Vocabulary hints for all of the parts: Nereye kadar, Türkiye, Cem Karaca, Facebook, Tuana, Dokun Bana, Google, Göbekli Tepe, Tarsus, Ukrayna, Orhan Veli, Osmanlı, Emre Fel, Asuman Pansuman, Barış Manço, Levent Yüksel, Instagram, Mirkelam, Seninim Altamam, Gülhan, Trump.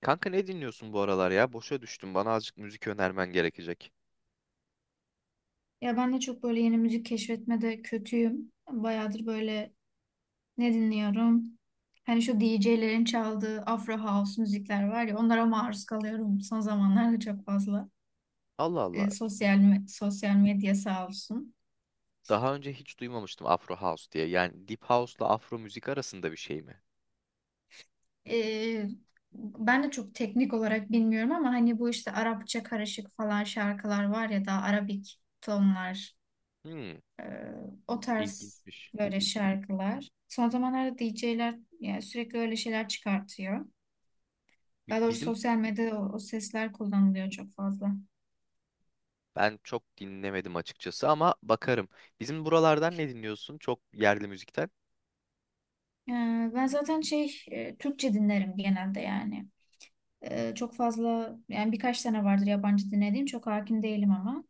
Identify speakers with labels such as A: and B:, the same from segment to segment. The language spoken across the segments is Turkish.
A: Kanka ne dinliyorsun bu aralar ya? Boşa düştüm. Bana azıcık müzik önermen gerekecek.
B: Ya ben de çok böyle yeni müzik keşfetmede kötüyüm. Bayağıdır böyle ne dinliyorum? Hani şu DJ'lerin çaldığı Afro House müzikler var ya, onlara maruz kalıyorum son zamanlarda çok fazla.
A: Allah Allah.
B: Sosyal medya sağ olsun.
A: Daha önce hiç duymamıştım Afro House diye. Yani Deep House'la Afro müzik arasında bir şey mi?
B: Ee, ben de çok teknik olarak bilmiyorum ama hani bu işte Arapça karışık falan şarkılar var ya da Arabik tonlar,
A: Hmm,
B: o tarz
A: ilginçmiş.
B: böyle şarkılar. Son zamanlarda DJ'ler yani sürekli öyle şeyler çıkartıyor.
A: Bi-
B: Daha doğrusu
A: Bizim
B: sosyal medyada o sesler kullanılıyor çok fazla.
A: ben çok dinlemedim açıkçası ama bakarım. Bizim buralardan ne dinliyorsun? Çok yerli müzikten.
B: Ee, ben zaten şey Türkçe dinlerim genelde yani. Çok fazla yani, birkaç tane vardır yabancı dinlediğim, çok hakim değilim ama.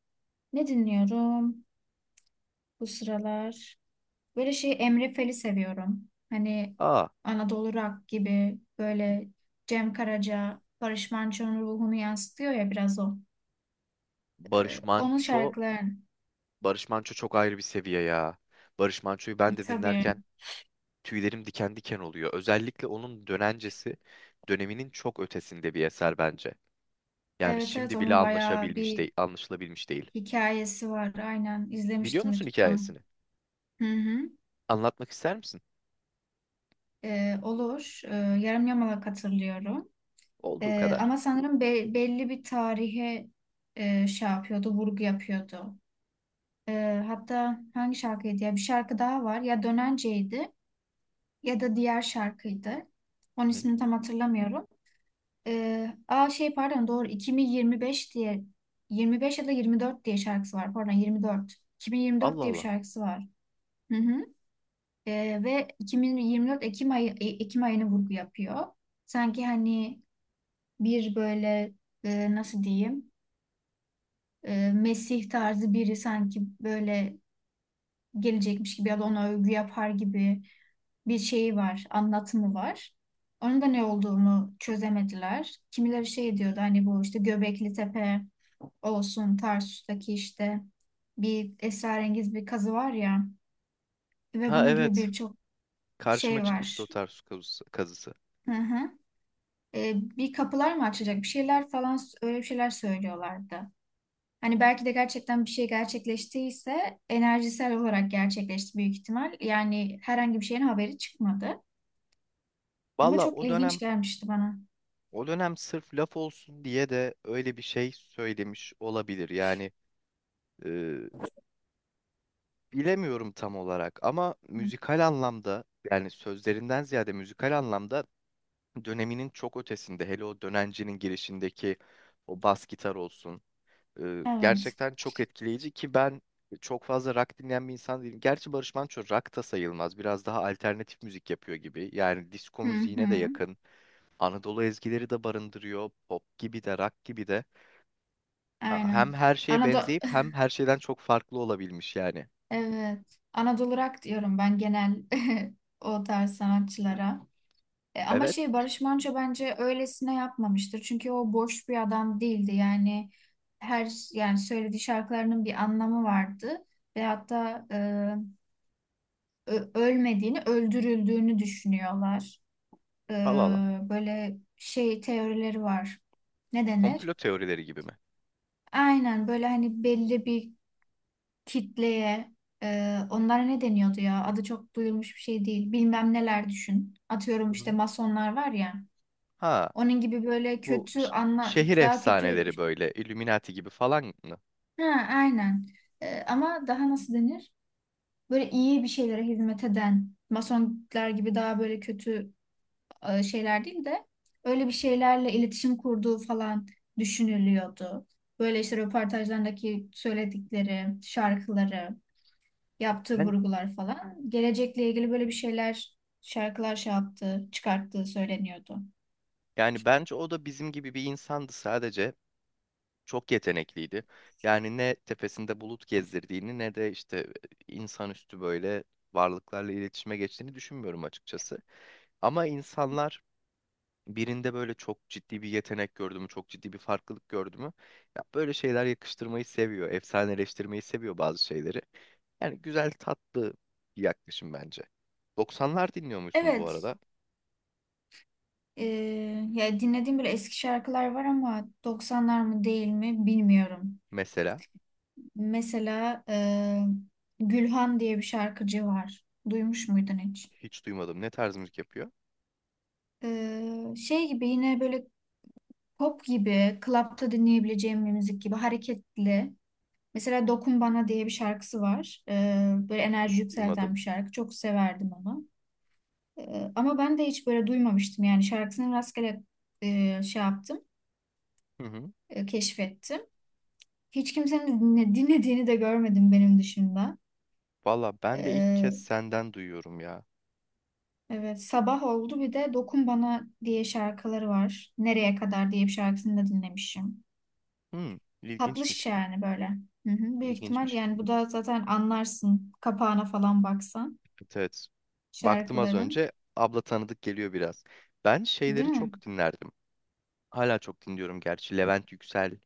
B: Ne dinliyorum bu sıralar? Böyle şey, Emre Fel'i seviyorum. Hani
A: Aa,
B: Anadolu Rock gibi, böyle Cem Karaca, Barış Manço'nun ruhunu yansıtıyor ya biraz o.
A: Barış
B: Onun
A: Manço.
B: şarkıları
A: Barış Manço çok ayrı bir seviye ya. Barış Manço'yu ben de
B: tabii.
A: dinlerken tüylerim diken diken oluyor. Özellikle onun döneminin çok ötesinde bir eser bence. Yani
B: Evet, evet,
A: şimdi bile
B: onun bayağı
A: anlaşabilmiş
B: bir
A: değil, anlaşılabilmiş değil.
B: hikayesi var. Aynen,
A: Biliyor
B: izlemiştim
A: musun
B: YouTube'dan.
A: hikayesini?
B: Hı hı.
A: Anlatmak ister misin?
B: Olur. Yarım yamalak hatırlıyorum.
A: Olduğu
B: Ee,
A: kadar.
B: ama sanırım belli bir tarihe şey yapıyordu, vurgu yapıyordu. Hatta hangi şarkıydı ya? Bir şarkı daha var. Ya Dönence'ydi ya da diğer şarkıydı. Onun
A: Hı?
B: ismini tam hatırlamıyorum. Aa şey pardon, doğru, 2025 diye, 25 ya da 24 diye şarkısı var. Pardon, 24. 2024
A: Allah
B: diye bir
A: Allah.
B: şarkısı var. Hı hı. Ve 2024 Ekim ayı, Ekim ayını vurgu yapıyor. Sanki hani bir böyle, nasıl diyeyim, Mesih tarzı biri sanki böyle gelecekmiş gibi ya da ona övgü yapar gibi bir şeyi var, anlatımı var. Onun da ne olduğunu çözemediler. Kimileri şey diyordu, hani bu işte Göbekli Tepe olsun, Tarsus'taki işte bir esrarengiz bir kazı var ya, ve
A: Ha,
B: bunun gibi
A: evet.
B: birçok
A: Karşıma
B: şey
A: çıkmıştı o
B: var.
A: tarz su kazısı.
B: Hı hı. Bir kapılar mı açacak bir şeyler falan, öyle bir şeyler söylüyorlardı. Hani belki de gerçekten bir şey gerçekleştiyse enerjisel olarak gerçekleşti büyük ihtimal. Yani herhangi bir şeyin haberi çıkmadı. Ama
A: Valla
B: çok
A: o
B: ilginç
A: dönem
B: gelmişti bana.
A: o dönem sırf laf olsun diye de öyle bir şey söylemiş olabilir. Yani e, bilemiyorum tam olarak ama
B: Hı.
A: müzikal anlamda yani sözlerinden ziyade müzikal anlamda döneminin çok ötesinde. Hele o dönencinin girişindeki o bas gitar olsun.
B: Evet.
A: Gerçekten çok etkileyici ki ben çok fazla rock dinleyen bir insan değilim. Gerçi Barış Manço rock da sayılmaz. Biraz daha alternatif müzik yapıyor gibi. Yani disco
B: Hı hı.
A: müziğine de yakın. Anadolu ezgileri de barındırıyor. Pop gibi de rock gibi de. Ha, hem
B: Aynen.
A: her şeye
B: Anadolu
A: benzeyip hem her şeyden çok farklı olabilmiş yani.
B: evet. Anadolu rock diyorum ben genel o tarz sanatçılara. Ama
A: Evet.
B: şey, Barış Manço bence öylesine yapmamıştır. Çünkü o boş bir adam değildi. Yani her yani söylediği şarkılarının bir anlamı vardı ve hatta ölmediğini, öldürüldüğünü düşünüyorlar. E,
A: Allah Allah.
B: böyle şey, teorileri var. Ne denir?
A: Komplo teorileri gibi mi?
B: Aynen, böyle hani belli bir kitleye, onlara ne deniyordu ya? Adı çok duyulmuş bir şey değil. Bilmem neler düşün. Atıyorum,
A: Hı
B: işte
A: hı.
B: masonlar var ya.
A: Ha,
B: Onun gibi, böyle
A: bu
B: kötü anla,
A: şehir
B: daha kötü.
A: efsaneleri böyle Illuminati gibi falan mı?
B: Ha, aynen. Ama daha nasıl denir? Böyle iyi bir şeylere hizmet eden masonlar gibi daha böyle kötü şeyler değil de, öyle bir şeylerle iletişim kurduğu falan düşünülüyordu. Böyle işte röportajlarındaki söyledikleri, şarkıları, yaptığı
A: Ben
B: vurgular falan gelecekle ilgili böyle bir şeyler, şarkılar şey yaptığı, çıkarttığı söyleniyordu.
A: yani bence o da bizim gibi bir insandı sadece. Çok yetenekliydi. Yani ne tepesinde bulut gezdirdiğini ne de işte insanüstü böyle varlıklarla iletişime geçtiğini düşünmüyorum açıkçası. Ama insanlar birinde böyle çok ciddi bir yetenek gördü mü, çok ciddi bir farklılık gördü mü, ya böyle şeyler yakıştırmayı seviyor, efsaneleştirmeyi seviyor bazı şeyleri. Yani güzel, tatlı bir yaklaşım bence. 90'lar dinliyor musun bu
B: Evet.
A: arada?
B: Ee, ya dinlediğim böyle eski şarkılar var ama 90'lar mı değil mi bilmiyorum.
A: Mesela
B: Mesela Gülhan diye bir şarkıcı var. Duymuş muydun hiç?
A: hiç duymadım. Ne tarz müzik yapıyor?
B: Şey gibi, yine böyle pop gibi, klapta dinleyebileceğim bir müzik gibi, hareketli. Mesela Dokun Bana diye bir şarkısı var. Böyle
A: Hiç
B: enerji yükselten
A: duymadım.
B: bir şarkı. Çok severdim onu. Ama ben de hiç böyle duymamıştım yani, şarkısını rastgele şey yaptım,
A: Hı hı.
B: keşfettim. Hiç kimsenin dinlediğini de görmedim benim dışında.
A: Valla ben de ilk kez
B: Ee,
A: senden duyuyorum ya.
B: evet, sabah oldu bir de, Dokun Bana diye şarkıları var. Nereye kadar diye bir şarkısını da dinlemişim.
A: Hmm,
B: Tatlı
A: ilginçmiş.
B: şişe yani böyle. Hı hı. Büyük ihtimal
A: İlginçmiş.
B: yani, bu da zaten anlarsın kapağına falan baksan
A: Evet, evet. Baktım az
B: şarkıların.
A: önce. Abla tanıdık geliyor biraz. Ben
B: Değil
A: şeyleri
B: mi?
A: çok dinlerdim. Hala çok dinliyorum gerçi. Levent Yüksel,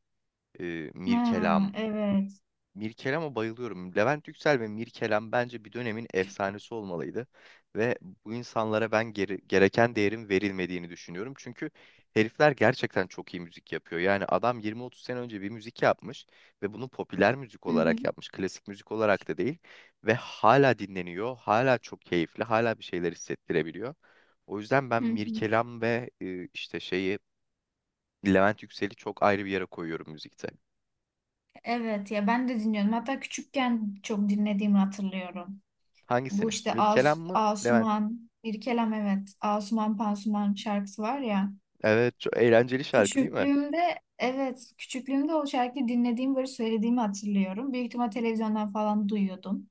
A: e,
B: Ha,
A: Mirkelam.
B: evet.
A: Mirkelam'a bayılıyorum. Levent Yüksel ve Mirkelam bence bir dönemin efsanesi olmalıydı. Ve bu insanlara ben gereken değerin verilmediğini düşünüyorum. Çünkü herifler gerçekten çok iyi müzik yapıyor. Yani adam 20-30 sene önce bir müzik yapmış ve bunu popüler müzik
B: Hı hı.
A: olarak yapmış. Klasik müzik olarak da değil. Ve hala dinleniyor, hala çok keyifli, hala bir şeyler hissettirebiliyor. O yüzden ben
B: Hı hı.
A: Mirkelam ve işte şeyi Levent Yüksel'i çok ayrı bir yere koyuyorum müzikte.
B: Evet ya, ben de dinliyorum. Hatta küçükken çok dinlediğimi hatırlıyorum. Bu
A: Hangisini?
B: işte
A: Mirkelam mı, Levent?
B: Asuman, İrkelem, evet. Asuman Pansuman şarkısı var ya.
A: Evet, çok eğlenceli şarkı değil mi?
B: Küçüklüğümde, evet, küçüklüğümde o şarkıyı dinlediğim, böyle söylediğimi hatırlıyorum. Büyük ihtimal televizyondan falan duyuyordum.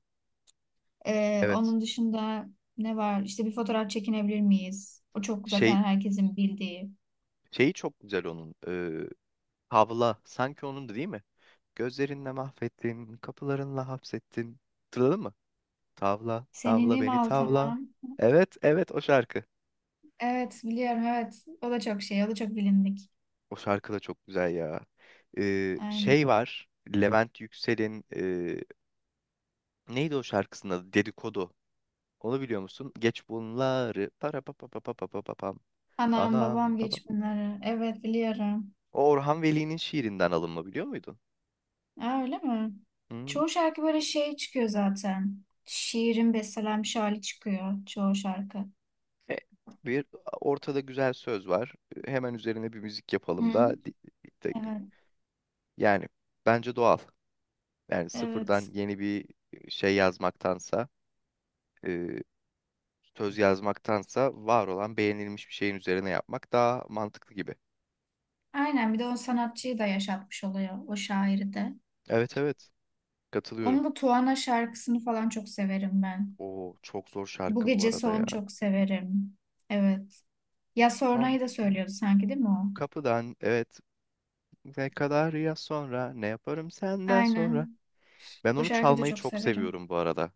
B: Ee,
A: Evet.
B: onun dışında ne var? İşte, bir fotoğraf çekinebilir miyiz? O çok
A: Şey
B: zaten, herkesin bildiği.
A: şeyi çok güzel onun. Havla sanki onun da değil mi? Gözlerinle mahvettin, kapılarınla hapsettin. Hatırladın mı? Tavla, tavla
B: Seninim
A: beni tavla.
B: Altamam.
A: Evet, evet o şarkı.
B: Evet, biliyorum, evet. O da çok şey, o da çok bilindik.
A: O şarkı da çok güzel ya.
B: Aynen.
A: Şey var. Levent Yüksel'in neydi o şarkısının adı? Dedikodu. Onu biliyor musun? Geç bunları. Para pa pa pa pa pa pa pa pam.
B: Anam
A: Anam
B: babam
A: baba.
B: geç bunları. Evet, biliyorum.
A: O Orhan Veli'nin şiirinden alınma biliyor muydun?
B: Aa, öyle mi?
A: Hmm.
B: Çoğu şarkı böyle şey çıkıyor zaten. Şiirin bestelenmiş hali çıkıyor çoğu şarkı.
A: E, Bir ortada güzel söz var. Hemen üzerine bir müzik yapalım
B: Hı?
A: da de-
B: Evet,
A: yani bence doğal. Yani sıfırdan
B: evet.
A: yeni bir şey yazmaktansa, e, söz yazmaktansa var olan beğenilmiş bir şeyin üzerine yapmak daha mantıklı gibi.
B: Aynen, bir de o sanatçıyı da yaşatmış oluyor, o şairi de.
A: Evet, evet, katılıyorum.
B: Onun bu Tuana şarkısını falan çok severim ben.
A: O çok zor
B: Bu
A: şarkı bu
B: gece
A: arada ya.
B: son, çok severim. Evet. Ya
A: Son
B: Sonra'yı da söylüyordu sanki değil mi o?
A: kapıdan evet ne kadar ya sonra ne yaparım senden sonra.
B: Aynen.
A: Ben
B: O
A: onu
B: şarkıyı da
A: çalmayı
B: çok
A: çok
B: severim.
A: seviyorum bu arada.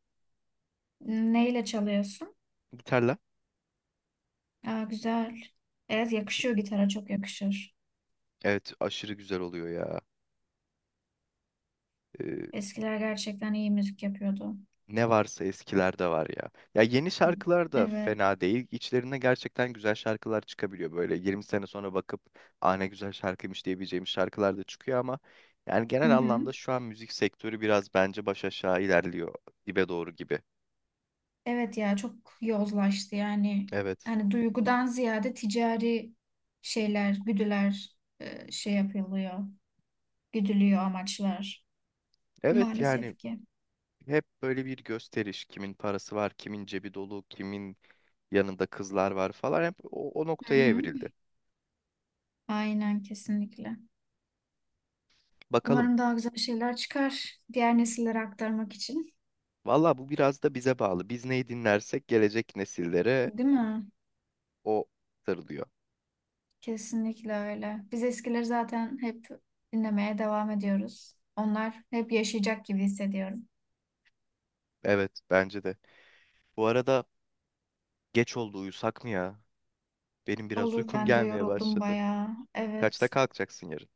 B: Neyle çalıyorsun?
A: Gitarla.
B: Aa, güzel. Evet, yakışıyor, gitara çok yakışır.
A: Evet aşırı güzel oluyor ya. e,
B: Eskiler gerçekten iyi müzik yapıyordu.
A: Ne varsa eskilerde var ya. Ya yeni şarkılar da
B: Evet.
A: fena değil. İçlerinde gerçekten güzel şarkılar çıkabiliyor böyle. 20 sene sonra bakıp "Aa ne güzel şarkıymış" diyebileceğimiz şarkılar da çıkıyor ama yani
B: Hı
A: genel
B: hı.
A: anlamda şu an müzik sektörü biraz bence baş aşağı ilerliyor dibe doğru gibi.
B: Evet ya, çok yozlaştı yani.
A: Evet.
B: Hani duygudan ziyade ticari şeyler, güdüler şey yapılıyor. Güdülüyor amaçlar.
A: Evet yani
B: Maalesef ki.
A: hep böyle bir gösteriş. Kimin parası var, kimin cebi dolu, kimin yanında kızlar var falan hep o
B: Hı
A: noktaya
B: hı.
A: evrildi.
B: Aynen, kesinlikle.
A: Bakalım.
B: Umarım daha güzel şeyler çıkar, diğer nesillere aktarmak için.
A: Valla bu biraz da bize bağlı. Biz neyi dinlersek gelecek nesillere
B: Değil mi?
A: o sarılıyor.
B: Kesinlikle öyle. Biz eskileri zaten hep dinlemeye devam ediyoruz. Onlar hep yaşayacak gibi hissediyorum.
A: Evet bence de. Bu arada geç oldu uyusak mı ya? Benim biraz
B: Olur,
A: uykum
B: ben de
A: gelmeye
B: yoruldum
A: başladı.
B: bayağı.
A: Kaçta
B: Evet.
A: kalkacaksın yarın?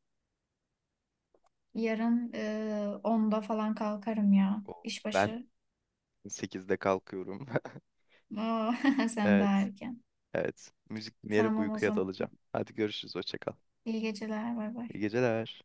B: Yarın 10'da falan kalkarım ya.
A: O, ben
B: İşbaşı.
A: 8'de kalkıyorum.
B: Oo, sen daha
A: Evet.
B: erken.
A: Evet. Müzik dinleyerek
B: Tamam o
A: uykuya
B: zaman.
A: dalacağım. Hadi görüşürüz. Hoşça kal.
B: İyi geceler. Bay
A: İyi
B: bay.
A: geceler.